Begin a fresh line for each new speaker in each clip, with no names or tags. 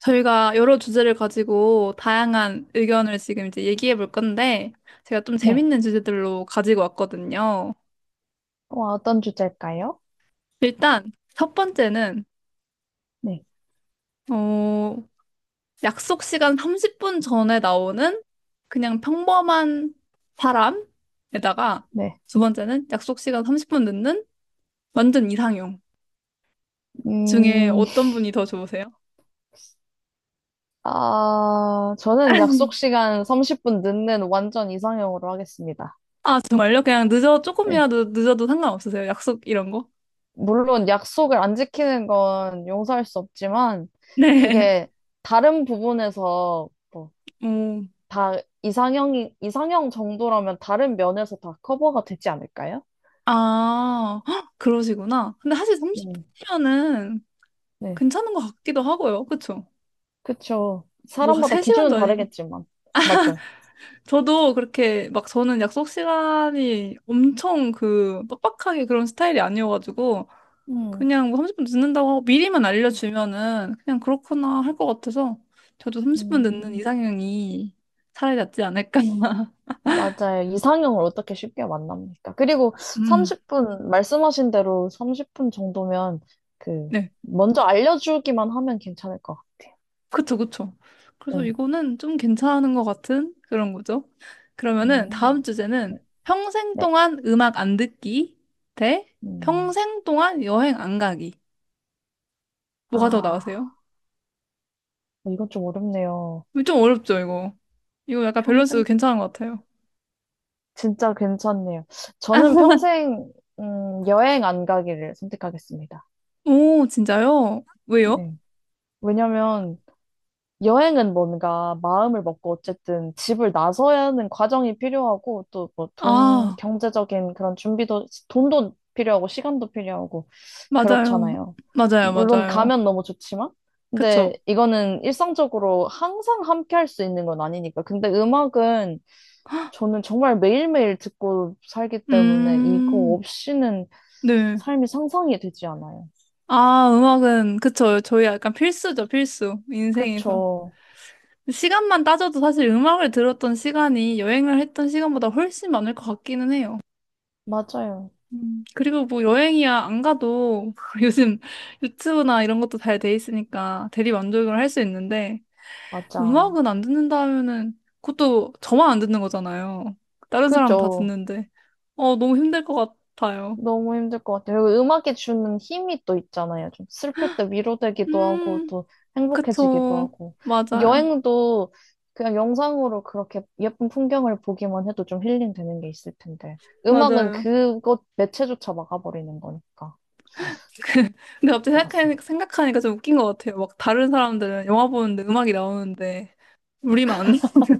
저희가 여러 주제를 가지고 다양한 의견을 지금 이제 얘기해 볼 건데, 제가 좀
네.
재밌는 주제들로 가지고 왔거든요.
와, 어떤 주제일까요?
일단, 첫 번째는,
네.
어, 약속 시간 30분 전에 나오는 그냥 평범한 사람에다가,
네.
두 번째는 약속 시간 30분 늦는 완전 이상형 중에
음,
어떤 분이 더 좋으세요?
아, 저는 약속 시간 30분 늦는 완전 이상형으로 하겠습니다.
아, 정말요?
네.
조금이라도 늦어도 상관없으세요? 약속 이런 거?
물론 약속을 안 지키는 건 용서할 수 없지만,
네.
그게 다른 부분에서 뭐,
어,
다 이상형 정도라면 다른 면에서 다 커버가 되지 않을까요?
아, 헉, 그러시구나. 근데 사실
음,
30분이면은
네.
괜찮은 것 같기도 하고요. 그쵸?
그쵸.
뭐,
사람마다 기준은
3시간도 아니고.
다르겠지만, 맞죠?
저도 그렇게 막 저는 약속 시간이 엄청 그 빡빡하게 그런 스타일이 아니어가지고
음,
그냥 뭐 30분 늦는다고 하고 미리만 알려주면은 그냥 그렇구나 할 것 같아서 저도 30분 늦는
음.
이상형이 차라리 낫지 않을까.
맞아요. 이상형을 어떻게 쉽게 만납니까? 그리고
음,
30분, 말씀하신 대로 30분 정도면 그,
네.
먼저 알려주기만 하면 괜찮을 것 같아요.
그쵸, 그쵸. 그래서
네.
이거는 좀 괜찮은 것 같은 그런 거죠. 그러면은
음,
다음
네.
주제는 평생
네.
동안 음악 안 듣기 대
음.
평생 동안 여행 안 가기.
아,
뭐가 더 나으세요?
어, 이건 좀 어렵네요.
좀 어렵죠, 이거. 이거 약간 밸런스
평생?
괜찮은 것 같아요.
진짜 괜찮네요. 저는 평생, 여행 안 가기를 선택하겠습니다.
오, 진짜요? 왜요?
네. 왜냐면, 여행은 뭔가 마음을 먹고 어쨌든 집을 나서야 하는 과정이 필요하고 또 뭐 돈,
아,
경제적인 그런 준비도, 돈도 필요하고 시간도 필요하고
맞아요.
그렇잖아요.
맞아요,
물론
맞아요.
가면 너무 좋지만, 근데
그쵸.
이거는 일상적으로 항상 함께 할 수 있는 건 아니니까. 근데 음악은 저는 정말 매일매일 듣고 살기 때문에 이거
음,
없이는
네.
삶이 상상이 되지 않아요.
아, 음악은, 그쵸. 저희 약간 필수죠, 필수. 인생에서.
그쵸.
시간만 따져도 사실 음악을 들었던 시간이 여행을 했던 시간보다 훨씬 많을 것 같기는 해요.
맞아요.
그리고 뭐 여행이야 안 가도 요즘 유튜브나 이런 것도 잘 돼 있으니까 대리 만족을 할 수 있는데
맞아.
음악은 안 듣는다 하면은 그것도 저만 안 듣는 거잖아요. 다른 사람은 다
그죠.
듣는데 어 너무 힘들 것 같아요.
너무 힘들 것 같아요. 그리고 음악이 주는 힘이 또 있잖아요. 좀 슬플 때 위로되기도 하고,
음,
또 행복해지기도
그쵸.
하고.
맞아요.
여행도 그냥 영상으로 그렇게 예쁜 풍경을 보기만 해도 좀 힐링되는 게 있을 텐데. 음악은
맞아요.
그것 매체조차 막아버리는 거니까.
근데 갑자기
것 같습니다.
생각하니까 좀 웃긴 것 같아요. 막 다른 사람들은 영화 보는데 음악이 나오는데 우리만.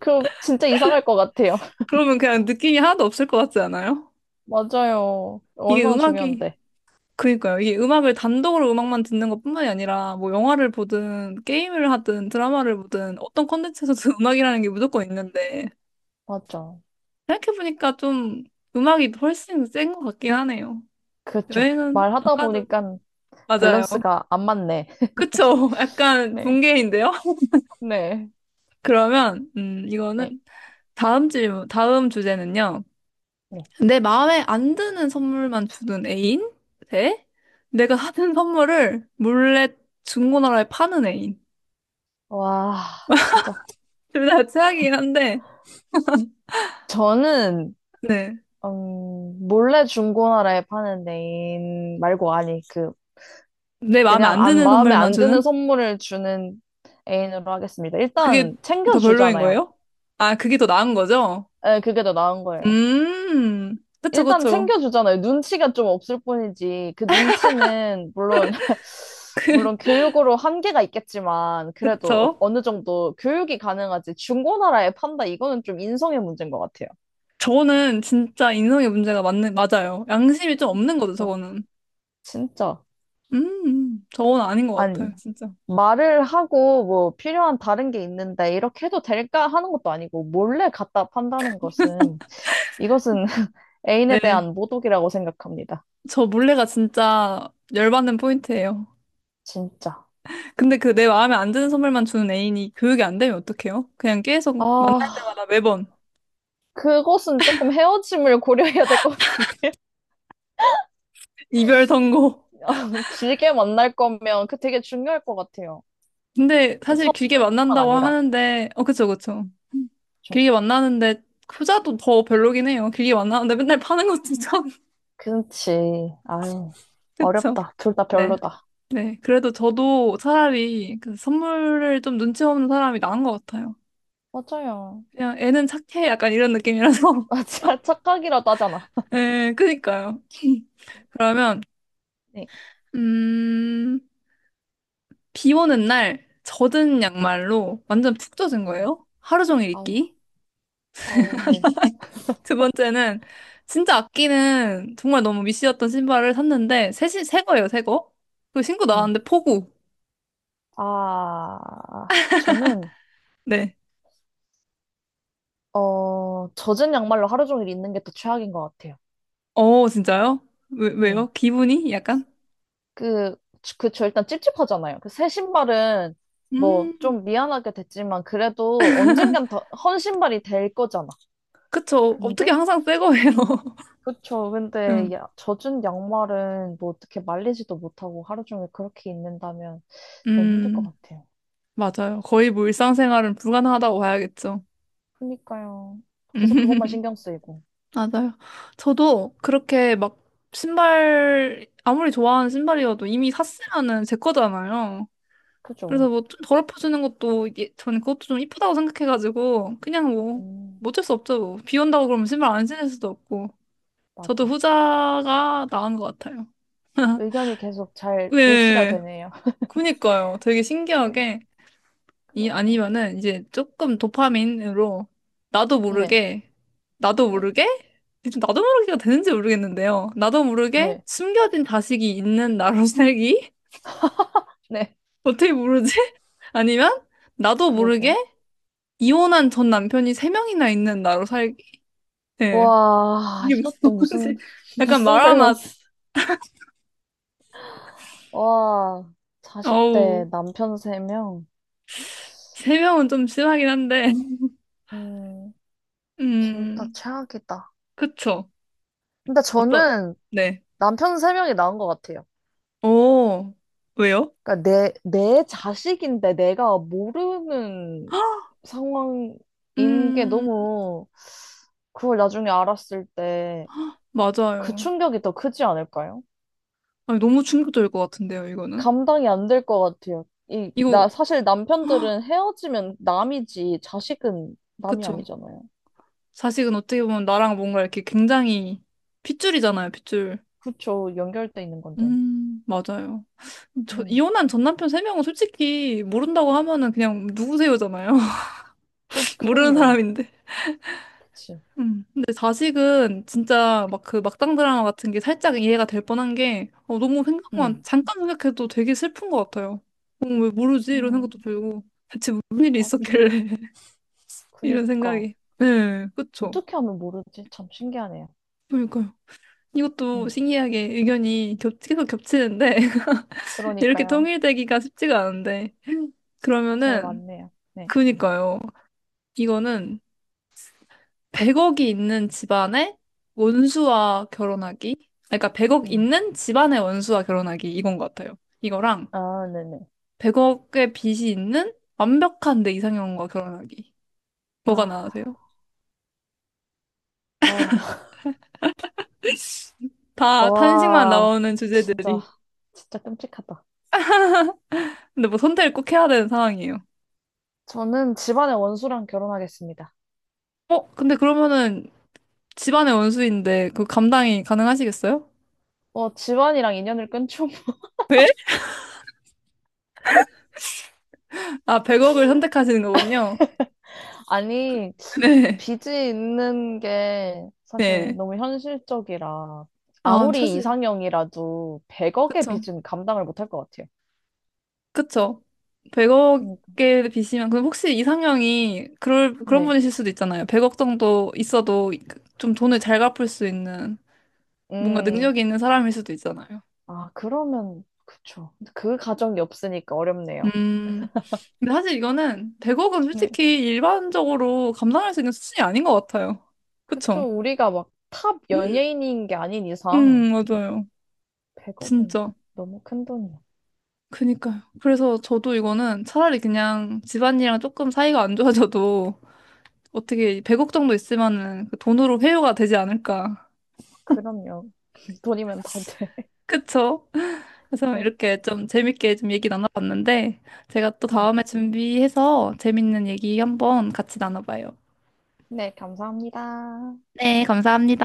그럼 진짜 이상할 것 같아요.
그러면 그냥 느낌이 하나도 없을 것 같지 않아요?
맞아요.
이게
얼마나
음악이,
중요한데.
그니까요. 이게 음악을 단독으로 음악만 듣는 것뿐만이 아니라, 뭐 영화를 보든, 게임을 하든, 드라마를 보든, 어떤 콘텐츠에서도 음악이라는 게 무조건 있는데,
맞아.
생각해보니까 좀 음악이 훨씬 센 것 같긴 하네요.
그렇죠.
여행은 안
말하다
가도,
보니까
맞아요.
밸런스가 안 맞네.
그쵸? 약간
네.
붕괴인데요?
네.
그러면,
네.
이거는 다음 주제는요.
네.
내 마음에 안 드는 선물만 주는 애인? 대 내가 하는 선물을 몰래 중고나라에 파는 애인.
와, 진짜.
둘 다 최악이긴 한데,
저는
네.
몰래 중고나라에 파는 애인 말고 아니 그
내 마음에
그냥
안
안
드는
마음에
선물만
안 드는
주는?
선물을 주는 애인으로 하겠습니다.
그게
일단
더 별로인
챙겨주잖아요.
거예요? 아, 그게 더 나은 거죠?
네, 그게 더 나은 거예요.
그쵸,
일단
그쵸.
챙겨주잖아요. 눈치가 좀 없을 뿐이지 그 눈치는 물론 물론 교육으로 한계가 있겠지만 그래도 어-
그쵸?
어느 정도 교육이 가능하지 중고나라에 판다 이거는 좀 인성의 문제인 것 같아요.
저거는 진짜 인성의 문제가 맞아요. 양심이 좀 없는 거죠,
그러니까
저거는.
진짜
저건 아닌 것
아니.
같아요, 진짜.
말을 하고 뭐 필요한 다른 게 있는데 이렇게 해도 될까 하는 것도 아니고 몰래 갖다 판다는 것은 이것은 애인에
네.
대한 모독이라고 생각합니다.
저 몰래가 진짜 열받는 포인트예요.
진짜.
근데 그 내 마음에 안 드는 선물만 주는 애인이 교육이 안 되면 어떡해요? 그냥 계속 만날 때마다
아,
매번
그것은 조금 헤어짐을 고려해야 될 것 같은데요.
이별 선고.
아, 길게 만날 거면 그 되게 중요할 것 같아요.
근데
그
사실 길게
선물뿐만
만난다고
아니라.
하는데, 어, 그쵸, 그쵸.
그쵸?
길게 만나는데, 후자도 더 별로긴 해요. 길게 만나는데 맨날 파는 것도 참,
그치. 아유,
그쵸.
어렵다. 둘 다
네,
별로다.
네. 그래도 저도 차라리 그 선물을 좀 눈치 없는 사람이 나은 것 같아요.
맞아요.
그냥 애는 착해. 약간 이런 느낌이라서.
아, 착각이라도 하잖아.
네 그니까요. 그러면,
네.
음, 비 오는 날 젖은 양말로 완전 푹 젖은
음.
거예요. 하루 종일
아우,
입기.
아우, 네.
두 번째는 진짜 아끼는 정말 너무 미시였던 신발을 샀는데 새 거예요, 새 거. 그 신고
음.
나왔는데 폭우.
아, 저는,
네.
어, 젖은 양말로 하루 종일 있는 게 더 최악인 것 같아요.
어, 진짜요?
네.
왜요? 기분이 약간?
그, 저 일단 찝찝하잖아요. 그 새 신발은 뭐
음,
좀 미안하게 됐지만 그래도 언젠간 더, 헌 신발이 될 거잖아.
그쵸. 어떻게
근데?
항상 새 거예요.
그쵸. 근데
음,
야, 젖은 양말은 뭐 어떻게 말리지도 못하고 하루 종일 그렇게 있는다면 너무 힘들 것
음,
같아요.
맞아요. 거의 뭐 일상생활은 불가능하다고 봐야겠죠.
그니까요. 계속 그것만 신경 쓰이고.
맞아요. 저도 그렇게 막 신발, 아무리 좋아하는 신발이어도 이미 샀으면은 제 거잖아요.
그죠.
그래서 뭐좀 더럽혀주는 것도 이게 저는 그것도 좀 이쁘다고 생각해가지고 그냥 뭐,
음,
뭐 어쩔 수 없죠. 뭐. 비 온다고 그러면 신발 안 신을 수도 없고. 저도
맞아.
후자가 나은 것 같아요.
의견이 계속 잘 일치가
네.
되네요.
그니까요. 되게
네,
신기하게. 이
그러네요.
아니면은 이제 조금 도파민으로 나도
네,
모르게 나도
네,
모르게 지금 나도 모르게가 되는지 모르겠는데요. 나도 모르게
네,
숨겨진 자식이 있는 나로 살기?
네,
어떻게 모르지? 아니면 나도 모르게
그러게.
이혼한 전 남편이 세 명이나 있는 나로 살기? 네.
와,
이게 무슨
이것도 무슨,
말인지 약간
무슨
말아맛
밸런스. 와, 자식
어우
대 남편 3명
세 명은 좀 심하긴 한데
음, 둘 다
음
최악이다.
그쵸
근데
어떤
저는
네.
남편 3명이 나은 것 같아요.
오 왜요?
그러니까 내 자식인데 내가 모르는 상황인 게
음
너무, 그걸 나중에 알았을 때, 그
맞아요.
충격이 더 크지 않을까요?
아니, 너무 충격적일 것 같은데요, 이거는.
감당이 안 될 것 같아요. 이, 나,
이거,
사실 남편들은 헤어지면 남이지, 자식은 남이
그쵸.
아니잖아요.
자식은 어떻게 보면 나랑 뭔가 이렇게 굉장히 핏줄이잖아요, 핏줄.
그쵸, 연결돼 있는 건데.
맞아요. 저,
음,
이혼한 전 남편 세 명은 솔직히 모른다고 하면은 그냥 누구세요잖아요.
그,
모르는
그럼요.
사람인데.
그치.
음. 근데 자식은 진짜 막 그 막장 드라마 같은 게 살짝 이해가 될 뻔한 게 어,
네.
잠깐 생각해도 되게 슬픈 것 같아요. 어, 왜 모르지? 이런
음,
생각도 들고. 대체 무슨 일이
맞죠.
있었길래. 이런
그니까.
생각이. 네, 그쵸.
어떻게 하면 모르지? 참 신기하네요.
그러니까요. 이것도
음,
신기하게 계속 겹치는데, 이렇게
그러니까요.
통일되기가 쉽지가 않은데.
잘
그러면은,
맞네요. 네.
그니까요. 이거는 100억이 있는 집안의 원수와 결혼하기. 아니, 그러니까 100억
음.
있는 집안의 원수와 결혼하기. 이건 것 같아요. 이거랑
아, 네네.
100억의 빚이 있는 완벽한 내 이상형과 결혼하기.
아,
뭐가 나으세요?
아,
다 탄식만
와,
나오는
진짜,
주제들이.
진짜 끔찍하다.
근데 뭐 선택을 꼭 해야 되는 상황이에요.
저는 집안의 원수랑 결혼하겠습니다.
어, 근데 그러면은 집안의 원수인데 그 감당이 가능하시겠어요?
어, 집안이랑 인연을 끊죠.
왜? 아, 100억을 선택하시는 거군요.
아니,
네,
빚이 있는 게 사실
네.
너무 현실적이라
아,
아무리
사실.
이상형이라도 100억의
그쵸.
빚은 감당을 못할 것 같아요.
그쵸.
그니까.
100억에 비시면, 그럼 혹시 이상형이 그럴, 그런
네.
분이실 수도 있잖아요. 100억 정도 있어도 좀 돈을 잘 갚을 수 있는 뭔가
음,
능력이 있는 사람일 수도 있잖아요.
아, 그러면, 그쵸. 그 가정이 없으니까 어렵네요.
음. 근데 사실 이거는 100억은
네.
솔직히 일반적으로 감당할 수 있는 수준이 아닌 것 같아요.
그쵸.
그쵸?
우리가 막 탑 연예인인 게 아닌 이상
맞아요.
100억은
진짜.
너무 큰 돈이야.
그니까요. 그래서 저도 이거는 차라리 그냥 집안이랑 조금 사이가 안 좋아져도 어떻게 100억 정도 있으면은 그 돈으로 회유가 되지 않을까.
그럼요. 돈이면 다 돼.
그쵸? 그래서
네.
이렇게 좀 재밌게 좀 얘기 나눠봤는데 제가 또
네.
다음에 준비해서 재밌는 얘기 한번 같이 나눠봐요.
네, 감사합니다.
네, 감사합니다.